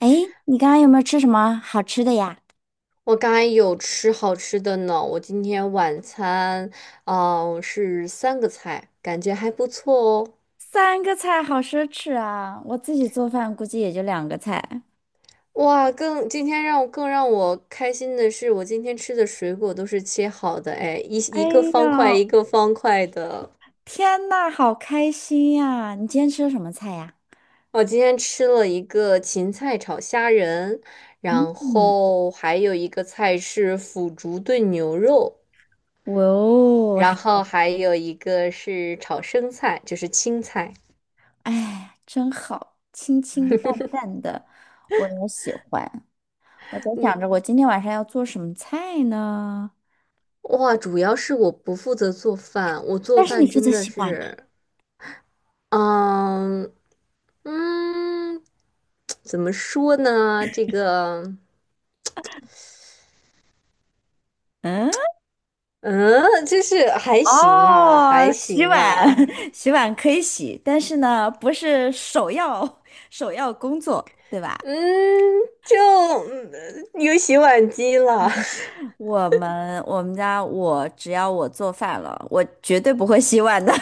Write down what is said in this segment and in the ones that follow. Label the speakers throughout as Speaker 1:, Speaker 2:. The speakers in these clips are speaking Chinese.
Speaker 1: 哎，你刚刚有没有吃什么好吃的呀？
Speaker 2: 我刚才有吃好吃的呢，我今天晚餐，哦，是三个菜，感觉还不错哦。
Speaker 1: 3个菜好奢侈啊！我自己做饭估计也就2个菜。
Speaker 2: 哇，更今天让我更让我开心的是，我今天吃的水果都是切好的，哎，一
Speaker 1: 哎
Speaker 2: 一个
Speaker 1: 呦，
Speaker 2: 方块一个方块的。
Speaker 1: 天呐，好开心呀！你今天吃的什么菜呀？
Speaker 2: 我今天吃了一个芹菜炒虾仁，然
Speaker 1: 嗯，
Speaker 2: 后还有一个菜是腐竹炖牛肉，
Speaker 1: 哇哦，
Speaker 2: 然
Speaker 1: 还
Speaker 2: 后还有一个是炒生菜，就是青菜。
Speaker 1: 哎，真好，清清淡淡的，我也喜欢。我在想着我今天晚上要做什么菜呢？
Speaker 2: 哇，主要是我不负责做饭，我做
Speaker 1: 但是你
Speaker 2: 饭
Speaker 1: 负
Speaker 2: 真
Speaker 1: 责
Speaker 2: 的
Speaker 1: 洗碗吗？
Speaker 2: 是，嗯嗯，怎么说呢？这个，
Speaker 1: 嗯。
Speaker 2: 嗯，就是还行啦，还
Speaker 1: 哦，洗
Speaker 2: 行
Speaker 1: 碗，
Speaker 2: 啦，
Speaker 1: 洗碗可以洗，但是呢，不是首要首 要工作，对吧？
Speaker 2: 嗯，就有洗碗机了。
Speaker 1: 我们家我只要我做饭了，我绝对不会洗碗的。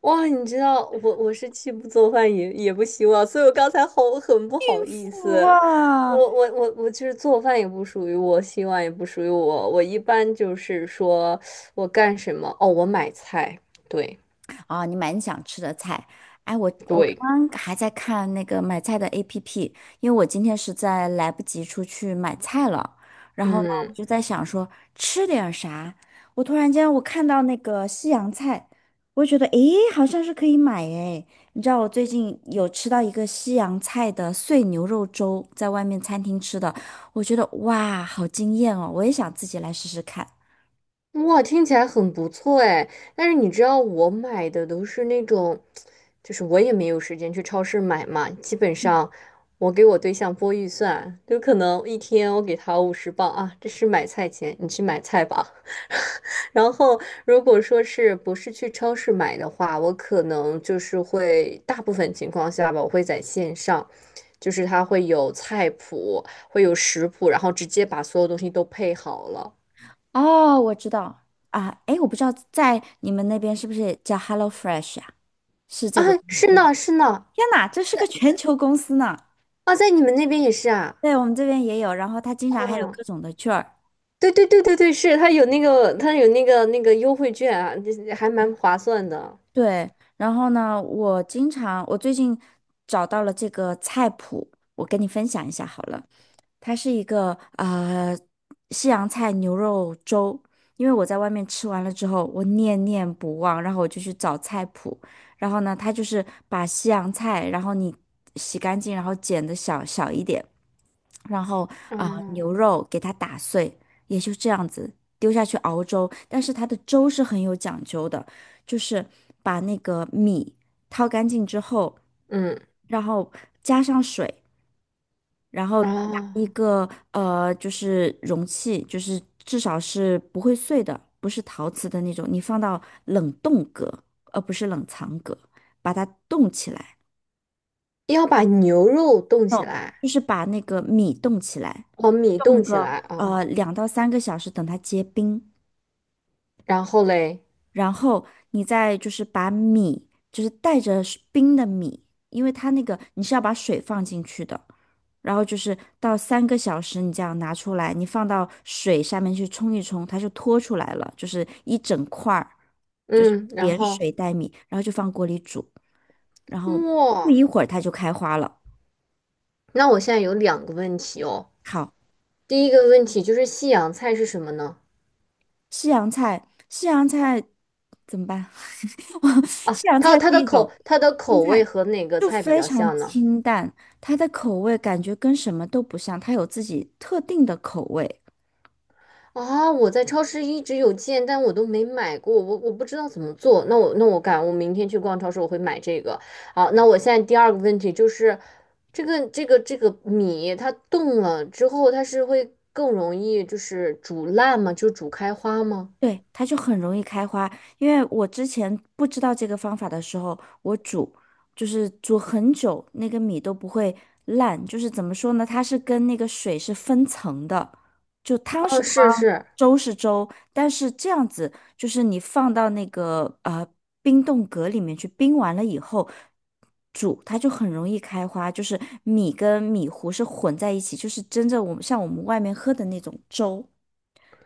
Speaker 2: 哇，你知道我是既不做饭也不洗碗，所以我刚才好很不好意 思。我
Speaker 1: 哇，
Speaker 2: 我我我就是做饭也不属于我，洗碗也不属于我。我一般就是说我干什么哦，我买菜，对
Speaker 1: 啊，你蛮想吃的菜。哎，我
Speaker 2: 对，
Speaker 1: 刚刚还在看那个买菜的 APP，因为我今天实在来不及出去买菜了。然后呢，我
Speaker 2: 嗯。
Speaker 1: 就在想说吃点啥。我突然间看到那个西洋菜，我觉得诶，好像是可以买诶。你知道我最近有吃到一个西洋菜的碎牛肉粥，在外面餐厅吃的，我觉得哇，好惊艳哦！我也想自己来试试看。
Speaker 2: 哇，听起来很不错哎，但是你知道我买的都是那种，就是我也没有时间去超市买嘛，基本上我给我对象拨预算，就可能一天我给他50磅啊，这是买菜钱，你去买菜吧。然后如果说是不是去超市买的话，我可能就是会大部分情况下吧，我会在线上，就是它会有菜谱，会有食谱，然后直接把所有东西都配好了。
Speaker 1: 哦，我知道啊，哎，我不知道在你们那边是不是也叫 HelloFresh 啊？是
Speaker 2: 啊，
Speaker 1: 这个公
Speaker 2: 是
Speaker 1: 司吗？
Speaker 2: 呢，是呢，
Speaker 1: 天哪，这是个全球公司呢。
Speaker 2: 啊，在你们那边也是啊？
Speaker 1: 对，我们这边也有，然后它经常还有
Speaker 2: 哦，
Speaker 1: 各种的券儿。
Speaker 2: 对对对对对，是，它有那个，优惠券啊，这还蛮划算的。
Speaker 1: 对，然后呢，我经常我最近找到了这个菜谱，我跟你分享一下好了。它是一个西洋菜牛肉粥，因为我在外面吃完了之后，我念念不忘，然后我就去找菜谱，然后呢，它就是把西洋菜，然后你洗干净，然后剪的小小一点，然后
Speaker 2: 啊，
Speaker 1: 牛肉给它打碎，也就这样子丢下去熬粥，但是它的粥是很有讲究的，就是把那个米掏干净之后，
Speaker 2: 嗯，
Speaker 1: 然后加上水。然后拿
Speaker 2: 哦，
Speaker 1: 一个就是容器，就是至少是不会碎的，不是陶瓷的那种，你放到冷冻格，而不是冷藏格，把它冻起来，
Speaker 2: 要把牛肉冻起来，
Speaker 1: 就是把那个米冻起来，
Speaker 2: 哦，米冻
Speaker 1: 冻
Speaker 2: 起
Speaker 1: 个
Speaker 2: 来啊，
Speaker 1: 2到3个小时，等它结冰。
Speaker 2: 然后嘞，
Speaker 1: 然后你再就是把米，就是带着是冰的米，因为它那个你是要把水放进去的，然后就是到三个小时你这样拿出来，你放到水下面去冲一冲，它就脱出来了，就是一整块儿，就是
Speaker 2: 嗯，然
Speaker 1: 连
Speaker 2: 后
Speaker 1: 水带米，然后就放锅里煮，然后不
Speaker 2: 哇，
Speaker 1: 一会儿它就开花了。
Speaker 2: 那我现在有两个问题哦。
Speaker 1: 好，
Speaker 2: 第一个问题就是西洋菜是什么呢？
Speaker 1: 西洋菜，西洋菜怎么办？我西洋菜是一种
Speaker 2: 它的
Speaker 1: 青
Speaker 2: 口味
Speaker 1: 菜，
Speaker 2: 和哪个
Speaker 1: 就
Speaker 2: 菜比
Speaker 1: 非
Speaker 2: 较
Speaker 1: 常
Speaker 2: 像呢？
Speaker 1: 清淡，它的口味感觉跟什么都不像，它有自己特定的口味。
Speaker 2: 啊，我在超市一直有见，但我都没买过，我不知道怎么做。那我改，我明天去逛超市，我会买这个。好，那我现在第二个问题就是，这个米它冻了之后，它是会更容易就是煮烂吗？就煮开花吗？
Speaker 1: 对，它就很容易开花。因为我之前不知道这个方法的时候，就是煮很久，那个米都不会烂。就是怎么说呢，它是跟那个水是分层的，就汤是
Speaker 2: 哦，
Speaker 1: 汤，
Speaker 2: 是是，
Speaker 1: 粥是粥。但是这样子，就是你放到那个冰冻格里面去冰完了以后。煮它就很容易开花，就是米跟米糊是混在一起，就是真正像我们外面喝的那种粥。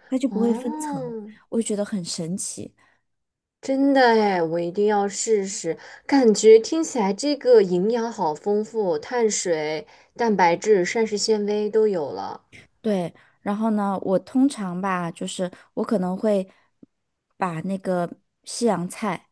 Speaker 1: 它就不会分层，
Speaker 2: 哦，
Speaker 1: 我就觉得很神奇。
Speaker 2: 真的哎，我一定要试试。感觉听起来这个营养好丰富，碳水、蛋白质、膳食纤维都有了。
Speaker 1: 对，然后呢，我通常吧，就是我可能会把那个西洋菜，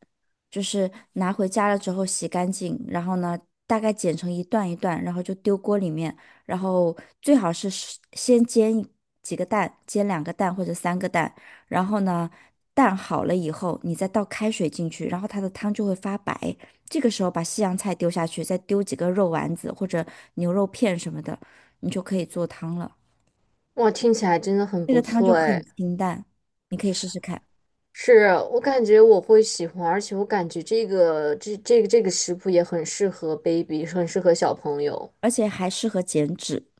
Speaker 1: 就是拿回家了之后洗干净，然后呢，大概剪成一段一段，然后就丢锅里面，然后最好是先煎一几个蛋，煎2个蛋或者3个蛋，然后呢，蛋好了以后，你再倒开水进去，然后它的汤就会发白，这个时候把西洋菜丢下去，再丢几个肉丸子或者牛肉片什么的，你就可以做汤了。
Speaker 2: 哇，听起来真的很
Speaker 1: 这
Speaker 2: 不
Speaker 1: 个汤就
Speaker 2: 错
Speaker 1: 很
Speaker 2: 哎！
Speaker 1: 清淡，你可以试试看，
Speaker 2: 是我感觉我会喜欢，而且我感觉这个这个食谱也很适合 baby，很适合小朋友。
Speaker 1: 而且还适合减脂。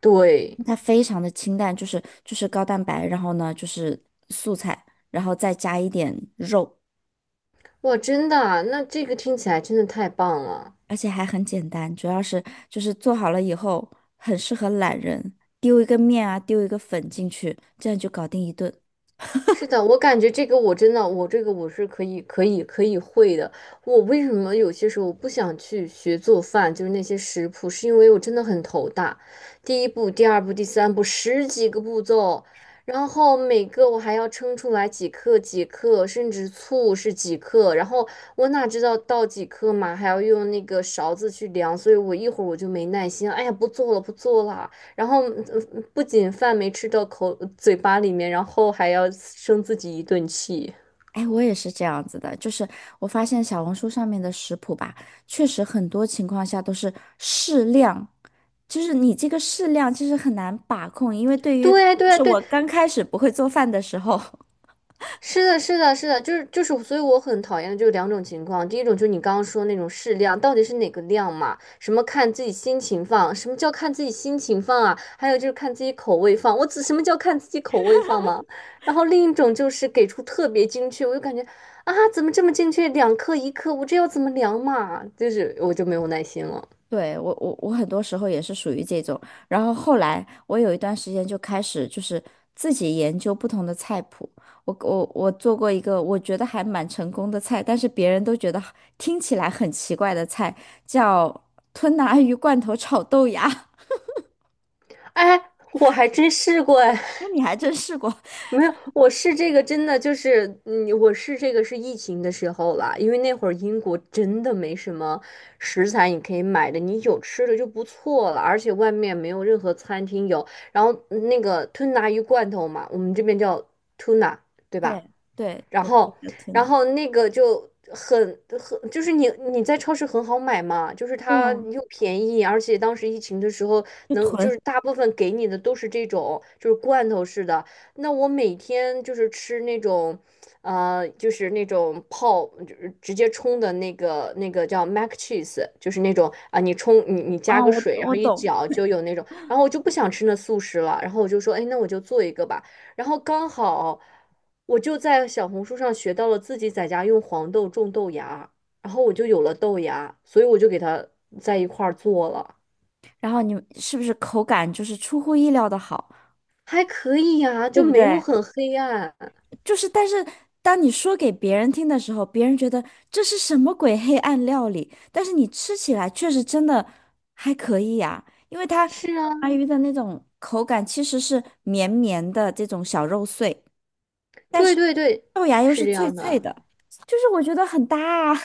Speaker 2: 对，
Speaker 1: 它非常的清淡，就是高蛋白，然后呢就是素菜，然后再加一点肉，
Speaker 2: 哇，真的啊那这个听起来真的太棒了。
Speaker 1: 而且还很简单。主要是就是做好了以后，很适合懒人，丢一个面啊，丢一个粉进去，这样就搞定一顿。
Speaker 2: 是的，我感觉这个我真的，我这个我是可以会的。我为什么有些时候我不想去学做饭，就是那些食谱，是因为我真的很头大。第一步、第二步、第三步，十几个步骤，然后每个我还要称出来几克几克，甚至醋是几克，然后我哪知道倒几克嘛，还要用那个勺子去量，所以我一会儿我就没耐心，哎呀，不做了，不做了。然后不仅饭没吃到口嘴巴里面，然后还要生自己一顿气。
Speaker 1: 哎，我也是这样子的，就是我发现小红书上面的食谱吧，确实很多情况下都是适量，就是你这个适量其实很难把控，因为对于就
Speaker 2: 对对
Speaker 1: 是
Speaker 2: 对，
Speaker 1: 我刚开始不会做饭的时候，
Speaker 2: 是的，是的，是的，就是，所以我很讨厌的就是两种情况。第一种就是你刚刚说那种适量，到底是哪个量嘛？什么看自己心情放？什么叫看自己心情放啊？还有就是看自己口味放。我只什么叫看自己口味放吗？然后另一种就是给出特别精确，我就感觉啊，怎么这么精确？两克一克，我这要怎么量嘛？就是我就没有耐心了。
Speaker 1: 对，我很多时候也是属于这种，然后后来我有一段时间就开始就是自己研究不同的菜谱，我做过一个我觉得还蛮成功的菜，但是别人都觉得听起来很奇怪的菜，叫吞拿鱼罐头炒豆芽。
Speaker 2: 哎，我还真试过哎，
Speaker 1: 那你还真试过？
Speaker 2: 没有，我试这个是疫情的时候啦，因为那会儿英国真的没什么食材你可以买的，你有吃的就不错了，而且外面没有任何餐厅有。然后那个吞拿鱼罐头嘛，我们这边叫 tuna，对吧？
Speaker 1: 对对，
Speaker 2: 然
Speaker 1: 我们
Speaker 2: 后，
Speaker 1: 叫吞
Speaker 2: 然
Speaker 1: 拿。
Speaker 2: 后那个就很，就是你在超市很好买嘛，就是
Speaker 1: 对
Speaker 2: 它
Speaker 1: 呀，
Speaker 2: 又便宜，而且当时疫情的时候
Speaker 1: 就
Speaker 2: 能就是
Speaker 1: 囤，
Speaker 2: 大部分给你的都是这种就是罐头式的。那我每天就是吃那种，就是那种泡就是直接冲的那个叫 mac cheese，就是那种啊，你冲你你加
Speaker 1: 啊，
Speaker 2: 个
Speaker 1: 我
Speaker 2: 水，然
Speaker 1: 我
Speaker 2: 后一
Speaker 1: 懂。
Speaker 2: 搅就有那种。然后我就不想吃那速食了，然后我就说，哎，那我就做一个吧。然后刚好。我就在小红书上学到了自己在家用黄豆种豆芽，然后我就有了豆芽，所以我就给它在一块儿做了，
Speaker 1: 然后你是不是口感就是出乎意料的好，
Speaker 2: 还可以呀、
Speaker 1: 对
Speaker 2: 就
Speaker 1: 不
Speaker 2: 没有
Speaker 1: 对？
Speaker 2: 很黑暗。
Speaker 1: 就是，但是当你说给别人听的时候，别人觉得这是什么鬼黑暗料理，但是你吃起来确实真的还可以呀、因为它 吞
Speaker 2: 是啊，
Speaker 1: 拿鱼的那种口感其实是绵绵的这种小肉碎，
Speaker 2: 对对对，
Speaker 1: 豆芽又
Speaker 2: 是
Speaker 1: 是
Speaker 2: 这
Speaker 1: 脆
Speaker 2: 样
Speaker 1: 脆
Speaker 2: 的，
Speaker 1: 的，就是我觉得很搭啊，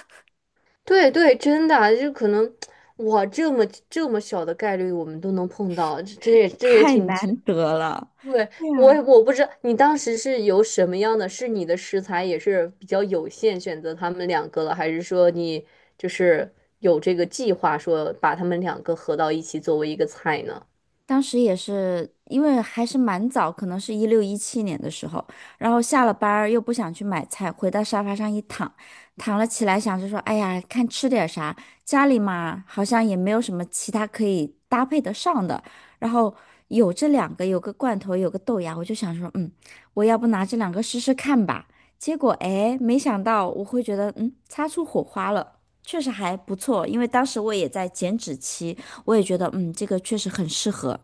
Speaker 2: 对对，真的啊，就可能 哇，这么这么小的概率我们都能碰到，这也
Speaker 1: 太
Speaker 2: 挺
Speaker 1: 难得了。
Speaker 2: 对，
Speaker 1: 对呀。
Speaker 2: 我不知道你当时是有什么样的，是你的食材也是比较有限，选择他们两个了，还是说你就是有这个计划说把他们两个合到一起作为一个菜呢？
Speaker 1: 当时也是因为还是蛮早，可能是16、17年的时候，然后下了班儿又不想去买菜，回到沙发上一躺，躺了起来，想着说，哎呀，看吃点啥，家里嘛好像也没有什么其他可以搭配得上的，然后有这两个，有个罐头，有个豆芽，我就想说，嗯，我要不拿这两个试试看吧。结果哎，没想到我会觉得，嗯，擦出火花了，确实还不错，因为当时我也在减脂期。我也觉得，嗯，这个确实很适合。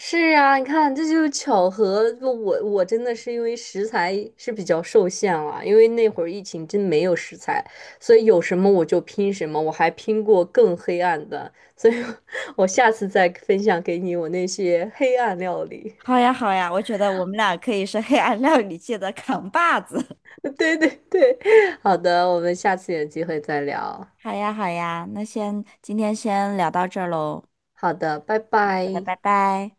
Speaker 2: 是啊，你看这就是巧合。不我真的是因为食材是比较受限了，因为那会儿疫情真没有食材，所以有什么我就拼什么，我还拼过更黑暗的，所以 我下次再分享给你我那些黑暗料理。
Speaker 1: 好呀，好呀，我觉得我们俩可以是黑暗料理界的扛把子。
Speaker 2: 对对对，好的，我们下次有机会再聊。
Speaker 1: 好呀，好呀，那先今天先聊到这儿喽，
Speaker 2: 好的，拜
Speaker 1: 好的，
Speaker 2: 拜。
Speaker 1: 拜拜。